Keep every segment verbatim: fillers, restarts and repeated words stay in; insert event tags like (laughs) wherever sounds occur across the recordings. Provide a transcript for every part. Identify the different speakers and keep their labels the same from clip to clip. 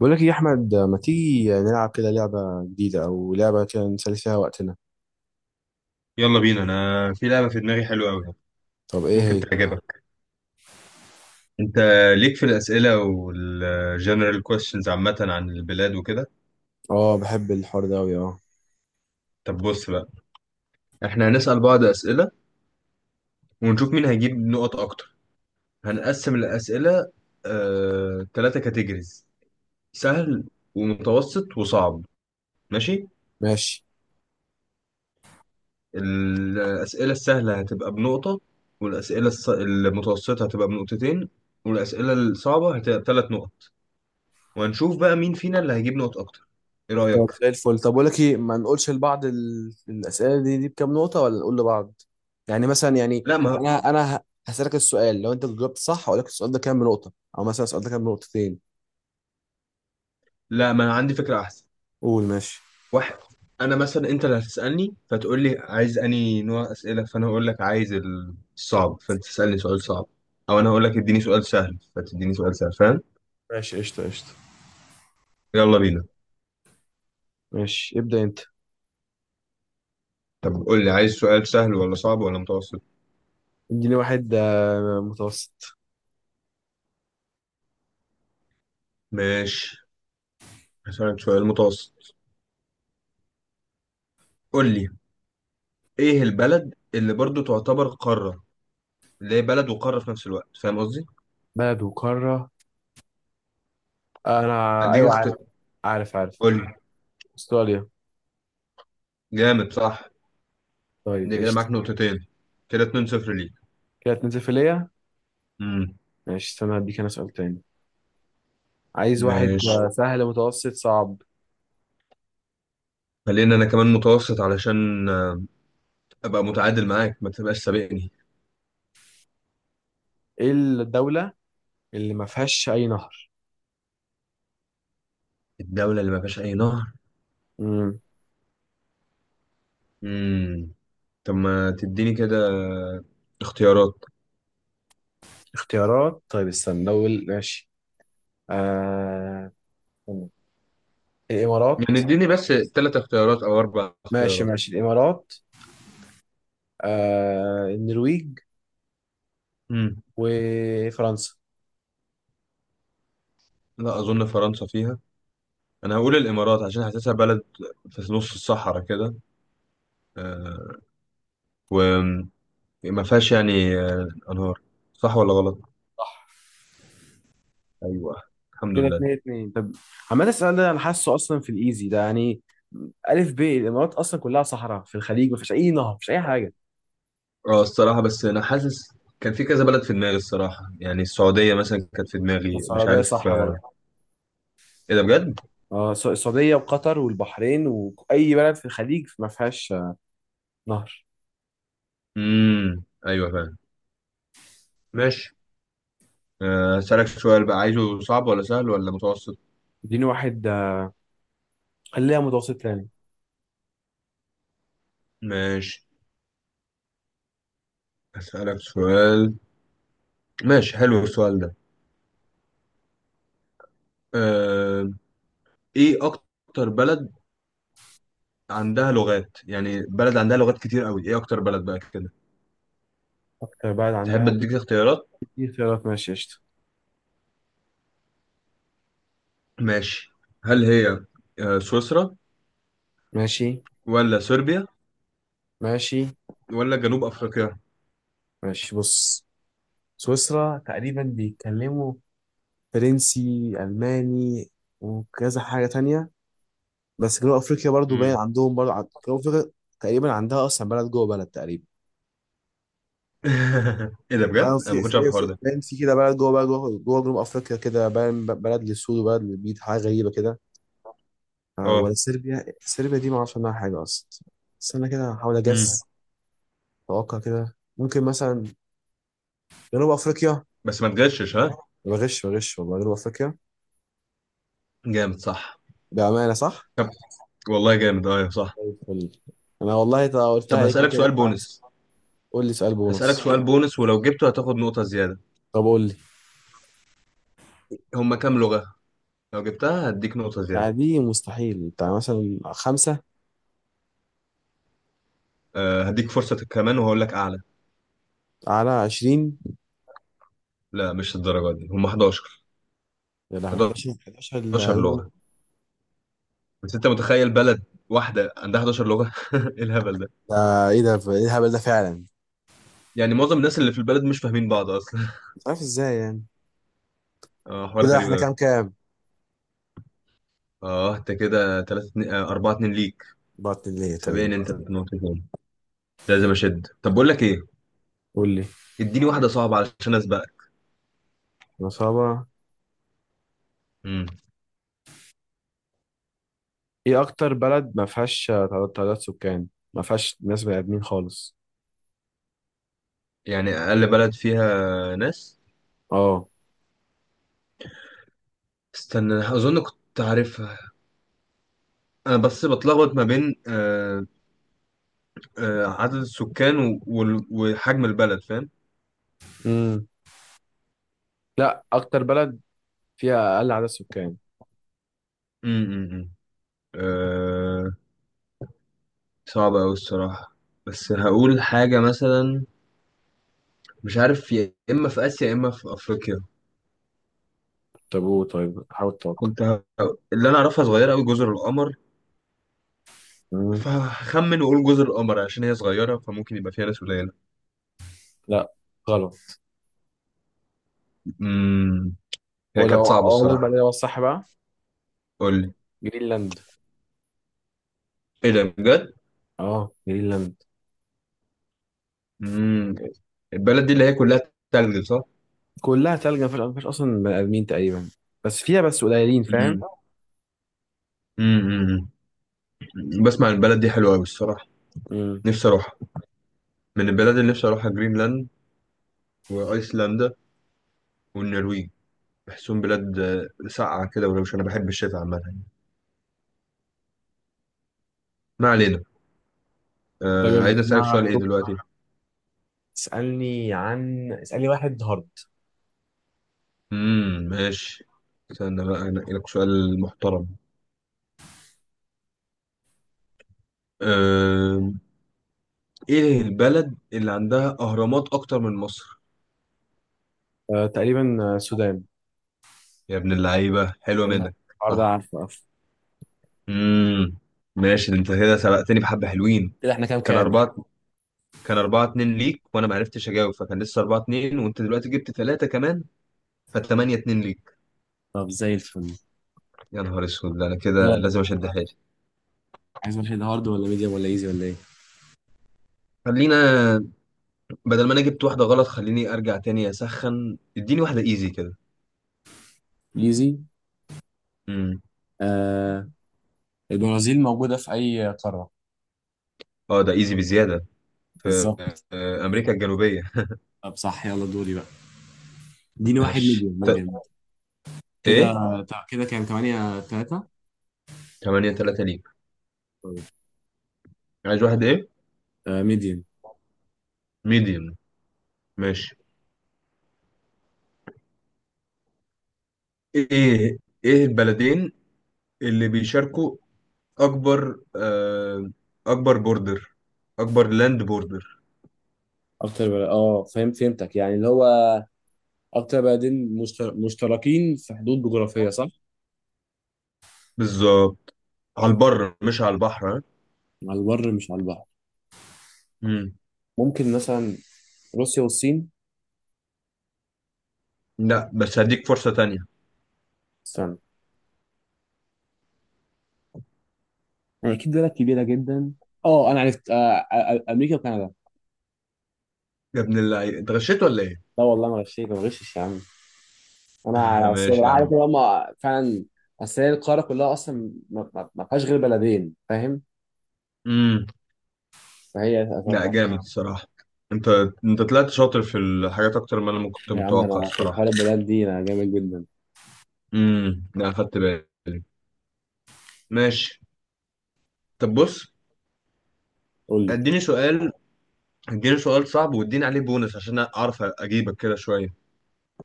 Speaker 1: بقول لك إيه يا احمد؟ ما تيجي نلعب كده لعبه جديده او لعبه كده نسلي فيها وقتنا؟
Speaker 2: يلا بينا. انا في لعبه في دماغي حلوه قوي.
Speaker 1: طب ايه
Speaker 2: ممكن
Speaker 1: هي؟
Speaker 2: تعجبك؟ انت ليك في الاسئله والجنرال كويشنز عامه عن البلاد وكده.
Speaker 1: اه، بحب الحوار ده قوي. اه،
Speaker 2: طب بص بقى، احنا هنسال بعض اسئله ونشوف مين هيجيب نقط اكتر. هنقسم الاسئله آه... ثلاثه كاتيجوريز: سهل ومتوسط وصعب. ماشي.
Speaker 1: ماشي.
Speaker 2: الاسئله السهله هتبقى بنقطه، والاسئله الص... المتوسطه هتبقى بنقطتين، والاسئله الصعبه هتبقى بثلاث نقط. وهنشوف بقى مين فينا اللي هيجيب نقط اكتر. ايه
Speaker 1: طب
Speaker 2: رايك؟
Speaker 1: زي الفل. طب بقول لك ايه، ما نقولش لبعض ال- الاسئله دي دي بكام نقطه، ولا نقول لبعض يعني، مثلا يعني
Speaker 2: لا ما
Speaker 1: انا انا ه- هسالك السؤال، لو انت جاوبت صح هقول لك السؤال ده كام نقطه، او مثلا السؤال ده كام نقطتين.
Speaker 2: لا ما انا عندي فكره احسن.
Speaker 1: قول. ماشي
Speaker 2: واحد، انا مثلا انت اللي هتسالني فتقول لي عايز انهي نوع اسئله، فانا اقول لك عايز الصعب فانت تسالني سؤال صعب، او انا اقول لك اديني سؤال سهل فتديني سؤال سهل، فاهم؟
Speaker 1: ماشي، قشطة قشطة.
Speaker 2: يلا بينا.
Speaker 1: ماشي، ابدا انت.
Speaker 2: طب قول لي عايز سؤال سهل ولا صعب ولا متوسط.
Speaker 1: اديني واحد آه، متوسط.
Speaker 2: ماشي، هسألك سؤال متوسط. قول لي، ايه البلد اللي برضو تعتبر قاره؟ اللي هي بلد وقاره في نفس الوقت، فاهم قصدي؟
Speaker 1: بلد وقاره؟ آه، انا
Speaker 2: اديك
Speaker 1: ايوه عارف.
Speaker 2: اختيار.
Speaker 1: عارف عارف.
Speaker 2: قول لي.
Speaker 1: استراليا.
Speaker 2: جامد، صح.
Speaker 1: طيب
Speaker 2: دي كده
Speaker 1: قشطه.
Speaker 2: معاك نقطتين. كده اتنين صفر ليك.
Speaker 1: كانت نزفيلية.
Speaker 2: امم.
Speaker 1: ماشي، استنى هديك انا سؤال تاني. عايز واحد
Speaker 2: ماشي.
Speaker 1: آه، سهل، متوسط، صعب؟
Speaker 2: خلينا انا كمان متوسط علشان آه، ابقى متعادل معاك ما تبقاش سابقني.
Speaker 1: ايه الدولة اللي ما فيهاش اي نهر؟
Speaker 2: الدولة اللي ما فيهاش اي نهر.
Speaker 1: مم.
Speaker 2: امم، طب ما تديني كده اختيارات.
Speaker 1: اختيارات؟ طيب استنى. دول ماشي. آه... استنى.
Speaker 2: يعني
Speaker 1: الامارات.
Speaker 2: اديني بس ثلاث اختيارات او اربع
Speaker 1: ماشي
Speaker 2: اختيارات.
Speaker 1: ماشي، الامارات، آه... النرويج،
Speaker 2: امم.
Speaker 1: وفرنسا.
Speaker 2: لا اظن فرنسا فيها. انا هقول الامارات عشان حاسسها بلد في نص الصحراء كده، آه، وما فيهاش يعني آه، انهار. صح ولا غلط؟
Speaker 1: صح.
Speaker 2: ايوه، الحمد
Speaker 1: كده
Speaker 2: لله.
Speaker 1: اتنين اتنين. طب عمال السؤال ده، انا حاسه اصلا في الايزي ده يعني. الف ب، الامارات اصلا كلها صحراء في الخليج، ما فيش اي نهر، ما فيش اي حاجه.
Speaker 2: اه الصراحة بس أنا حاسس كان في كذا بلد في دماغي الصراحة، يعني السعودية مثلا كانت في
Speaker 1: بس
Speaker 2: دماغي، مش
Speaker 1: السعوديه
Speaker 2: عارف
Speaker 1: صح برضه.
Speaker 2: آه، إيه ده بجد؟
Speaker 1: اه الس- السعودية وقطر والبحرين وأي بلد في الخليج ما فيهاش آه، نهر.
Speaker 2: امم، أيوه فاهم. ماشي. آه، هسألك سؤال بقى، عايزه صعب ولا سهل ولا متوسط؟
Speaker 1: اديني واحد آه، خليها متوسط يعني.
Speaker 2: ماشي، هسألك سؤال. ماشي، حلو السؤال ده. أه... إيه أكتر بلد عندها لغات؟ يعني بلد عندها لغات كتير أوي، إيه أكتر بلد بقى كده؟
Speaker 1: أكتر بلد
Speaker 2: تحب
Speaker 1: عندها في.
Speaker 2: أديك اختيارات؟
Speaker 1: اختيارات؟ ماشي قشطة.
Speaker 2: ماشي. هل هي آه، سويسرا
Speaker 1: ماشي
Speaker 2: ولا صربيا
Speaker 1: ماشي
Speaker 2: ولا جنوب أفريقيا؟
Speaker 1: ماشي. بص، سويسرا تقريبا بيتكلموا فرنسي، ألماني، وكذا حاجة تانية. بس جنوب أفريقيا برضو باين
Speaker 2: مم.
Speaker 1: عندهم برضو عن- جنوب أفريقيا تقريبا عندها أصلا بلد جوه بلد تقريبا.
Speaker 2: (laughs) ايه ده بجد؟
Speaker 1: اه،
Speaker 2: انا ما
Speaker 1: في
Speaker 2: كنتش
Speaker 1: في
Speaker 2: عارف الحوار
Speaker 1: في
Speaker 2: ده.
Speaker 1: باين في كده بلد جوه بلد جوه جوه جنوب أفريقيا، كده باين ب- بلد للسود وبلد للبيض، حاجة غريبة كده. آه، ولا
Speaker 2: اه.
Speaker 1: صربيا؟ صربيا دي ما اعرفش عنها حاجه اصلا. استنى كده هحاول
Speaker 2: امم.
Speaker 1: اجس. اتوقع كده ممكن مثلا جنوب افريقيا.
Speaker 2: بس ما تغشش ها.
Speaker 1: بغش بغش والله. جنوب افريقيا.
Speaker 2: جامد، صح.
Speaker 1: بامانه صح؟
Speaker 2: طب والله جامد، اه صح.
Speaker 1: طيب قول لي، انا والله تا- قلتها
Speaker 2: طب
Speaker 1: عليك كده،
Speaker 2: هسألك سؤال
Speaker 1: جت معايا صح.
Speaker 2: بونس.
Speaker 1: قول لي سؤال
Speaker 2: هسألك
Speaker 1: بونص.
Speaker 2: سؤال بونس ولو جبته هتاخد نقطة زيادة.
Speaker 1: طب قول لي.
Speaker 2: هما كام لغة؟ لو جبتها هديك نقطة زيادة.
Speaker 1: لا، دي مستحيل، بتاع مثلا خمسة؟
Speaker 2: أه هديك فرصة كمان وهقول لك أعلى.
Speaker 1: على عشرين؟
Speaker 2: لا مش الدرجة دي، هما حداشر.
Speaker 1: يا لهوي! احدعشر؟ احدعشر؟
Speaker 2: حداشر
Speaker 1: ال-
Speaker 2: لغة. بس أنت متخيل بلد واحدة عندها حداشر لغة؟ (laughs) إيه الهبل ده؟
Speaker 1: ده ايه؟ ده ايه الهبل ده فعلا؟
Speaker 2: يعني معظم الناس اللي في البلد مش فاهمين بعض أصلا.
Speaker 1: مش عارف ازاي يعني.
Speaker 2: اه حوار
Speaker 1: كده
Speaker 2: غريب
Speaker 1: احنا
Speaker 2: أوي.
Speaker 1: كام كام؟
Speaker 2: اه أنت كده تلاتة اتنين اربعة اتنين ليك.
Speaker 1: بعت ليه
Speaker 2: سابقني
Speaker 1: طيب؟
Speaker 2: أنت بنقطتين، لازم اشد. طب بقول لك ايه،
Speaker 1: قول لي.
Speaker 2: اديني واحده صعبه علشان اسبقك.
Speaker 1: نصابة.
Speaker 2: امم.
Speaker 1: ايه اكتر بلد ما فيهاش تعداد تعداد سكان، ما فيهاش ناس بني ادمين خالص؟
Speaker 2: يعني اقل بلد فيها ناس.
Speaker 1: اه.
Speaker 2: استنى أنا اظن كنت عارفها. انا بس بتلخبط ما بين آه آه عدد السكان و- وال- وحجم البلد، فاهم.
Speaker 1: امم لا، اكتر بلد فيها اقل عدد سكان.
Speaker 2: امم. آه، صعبه قوي الصراحه. بس هقول حاجه مثلا، مش عارف يا اما في اسيا يا اما في افريقيا.
Speaker 1: طب قول، طيب حاول تتوقع.
Speaker 2: كنت ه... اللي انا اعرفها صغيره قوي جزر القمر،
Speaker 1: امم
Speaker 2: فهخمن واقول جزر القمر عشان هي صغيره فممكن يبقى فيها ناس قليله.
Speaker 1: لا، غلط.
Speaker 2: امم، هي
Speaker 1: هو ده،
Speaker 2: كانت صعبة
Speaker 1: اقول لك بقى ده
Speaker 2: الصراحة.
Speaker 1: هو الصح بقى.
Speaker 2: قول لي.
Speaker 1: جرينلاند.
Speaker 2: ايه ده بجد؟
Speaker 1: اه، جرينلاند.
Speaker 2: امم. البلد دي اللي هي كلها تلج، صح؟
Speaker 1: كلها تلج، ما فيهاش ما فيهاش اصلا بني ادمين تقريبا، بس فيها بس قليلين، فاهم.
Speaker 2: مم. امم أمم. بسمع إن البلد دي حلوة أوي الصراحة.
Speaker 1: امم.
Speaker 2: نفسي أروحها. من البلد اللي نفسي أروحها جرينلاند وأيسلندا والنرويج. بحسهم بلاد آه، ساقعة كده، ولو مش أنا بحب الشتاء عامة. ما علينا.
Speaker 1: طيب
Speaker 2: آه
Speaker 1: يلا،
Speaker 2: عايز أسألك
Speaker 1: ما
Speaker 2: سؤال إيه دلوقتي؟
Speaker 1: اسالني عن اسالني واحد هارد.
Speaker 2: امم، ماشي. استنى بقى أنقي لك سؤال محترم. آه، إيه البلد اللي عندها أهرامات أكتر من مصر؟
Speaker 1: آه، تقريبا آه، السودان.
Speaker 2: يا ابن اللعيبة، حلوة منك.
Speaker 1: النهارده.
Speaker 2: صح.
Speaker 1: عارفه عارفه.
Speaker 2: امم. ماشي، انت كده سبقتني بحبة حلوين.
Speaker 1: كده احنا كام
Speaker 2: كان
Speaker 1: كام؟
Speaker 2: أربعة. كان أربعة اتنين ليك وأنا ما عرفتش أجاوب فكان لسه أربعة اتنين، وأنت دلوقتي جبت تلاتة كمان فتمانية اتنين ليك.
Speaker 1: طب زي الفل.
Speaker 2: يا نهار أسود، ده أنا كده
Speaker 1: دول.
Speaker 2: لازم أشد حيلي.
Speaker 1: عايز واحد هارد ولا ميديوم ولا ايزي ولا ايه؟
Speaker 2: خلينا، بدل ما أنا جبت واحدة غلط خليني أرجع تاني أسخن، اديني واحدة إيزي كده.
Speaker 1: ايزي.
Speaker 2: امم.
Speaker 1: آه، البرازيل موجودة في اي قارة؟
Speaker 2: أه ده إيزي بزيادة. في
Speaker 1: بالظبط.
Speaker 2: آه، أمريكا الجنوبية.
Speaker 1: طب صح، يلا دوري بقى. اديني واحد
Speaker 2: ماشي
Speaker 1: ميديوم
Speaker 2: ت...
Speaker 1: ميديوم. كده
Speaker 2: إيه؟
Speaker 1: تع- كده كان تمانية تلاتة.
Speaker 2: تمانية تلاتة ليك.
Speaker 1: طيب.
Speaker 2: عايز واحد إيه؟
Speaker 1: آه ميديوم.
Speaker 2: ميديوم. ماشي. ايه، ايه البلدين اللي بيشاركوا اكبر آه، اكبر بوردر، اكبر لاند بوردر.
Speaker 1: اكتر بلد، اه فهم، فهمتك يعني، اللي هو اكتر بلدين مشتر... مشتركين في حدود جغرافية، صح؟
Speaker 2: بالظبط. على البر مش على البحر، ها؟
Speaker 1: على البر مش على البحر.
Speaker 2: مم.
Speaker 1: ممكن مثلا روسيا والصين.
Speaker 2: لا بس هديك فرصة تانية.
Speaker 1: استنى، يعني اكيد بلد كبيرة جدا. اه، انا عرفت. آه آه، آه، امريكا وكندا.
Speaker 2: يا ابن اللعيب انت غشيت ولا ايه.
Speaker 1: لا والله ما غشيت، ما غشش يا عم.
Speaker 2: (laughs)
Speaker 1: انا اصل
Speaker 2: ماشي يا
Speaker 1: عارف
Speaker 2: عم.
Speaker 1: ان هم فعلا. اصل هي القاره كلها اصلا ما ما- ما فيهاش غير بلدين، فاهم.
Speaker 2: مم.
Speaker 1: فهي
Speaker 2: لا
Speaker 1: اتوقع.
Speaker 2: جامد الصراحة. انت انت طلعت شاطر في الحاجات اكتر ما انا ما كنت
Speaker 1: يا عم
Speaker 2: متوقع
Speaker 1: انا في حوار
Speaker 2: الصراحة.
Speaker 1: البلد دي انا جامد جدا.
Speaker 2: امم. لا خدت بالي. ماشي، طب بص.
Speaker 1: قول لي.
Speaker 2: اديني سؤال. اديني سؤال صعب واديني عليه بونس عشان اعرف اجيبك كده شوية.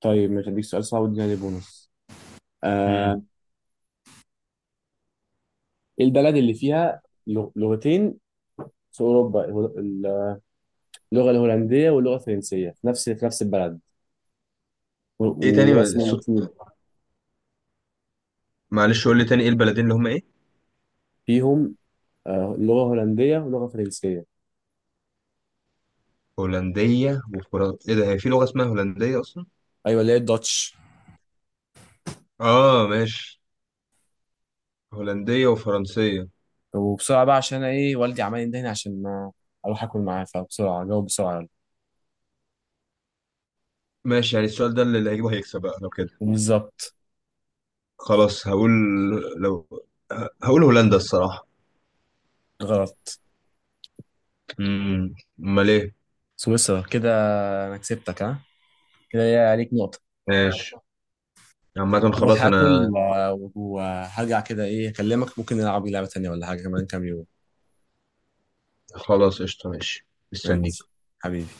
Speaker 1: طيب مش هديك سؤال صعب؟ اديني عليه بونص.
Speaker 2: امم.
Speaker 1: آه، ايه البلد اللي فيها لغ- لغتين في اوروبا، ال- اللغه الهولنديه واللغه الفرنسيه في نفس في نفس البلد و-
Speaker 2: ايه، تاني
Speaker 1: ورسم الاتنين
Speaker 2: صوت؟ معلش قول لي تاني، ايه البلدين اللي هم ايه
Speaker 1: فيهم، آه، لغه هولنديه ولغه فرنسيه؟
Speaker 2: هولندية وفرنسا؟ ايه ده، هي في لغة اسمها هولندية اصلا؟
Speaker 1: ايوه، اللي هي الداتش.
Speaker 2: اه ماشي. هولندية وفرنسية.
Speaker 1: وبسرعة بقى عشان أنا إيه، والدي عمال يندهني عشان ما أروح آكل معاه، فبسرعة جاوب بسرعة يلا.
Speaker 2: ماشي، يعني السؤال ده اللي هيجيبه هيكسب بقى لو كده.
Speaker 1: وبالظبط.
Speaker 2: خلاص هقول، لو ه- هقول هولندا الصراحة.
Speaker 1: غلط.
Speaker 2: امم. امال ايه.
Speaker 1: سويسرا كده. أنا كسبتك ها، كده ليا عليك نقطة.
Speaker 2: ماشي. عامة
Speaker 1: أروح
Speaker 2: خلاص
Speaker 1: آكل
Speaker 2: انا.
Speaker 1: و- وهرجع كده، إيه، أكلمك، ممكن نلعب لعبة تانية ولا حاجة كمان كام يوم.
Speaker 2: خلاص قشطة، ماشي. مستني.
Speaker 1: ماشي حبيبي.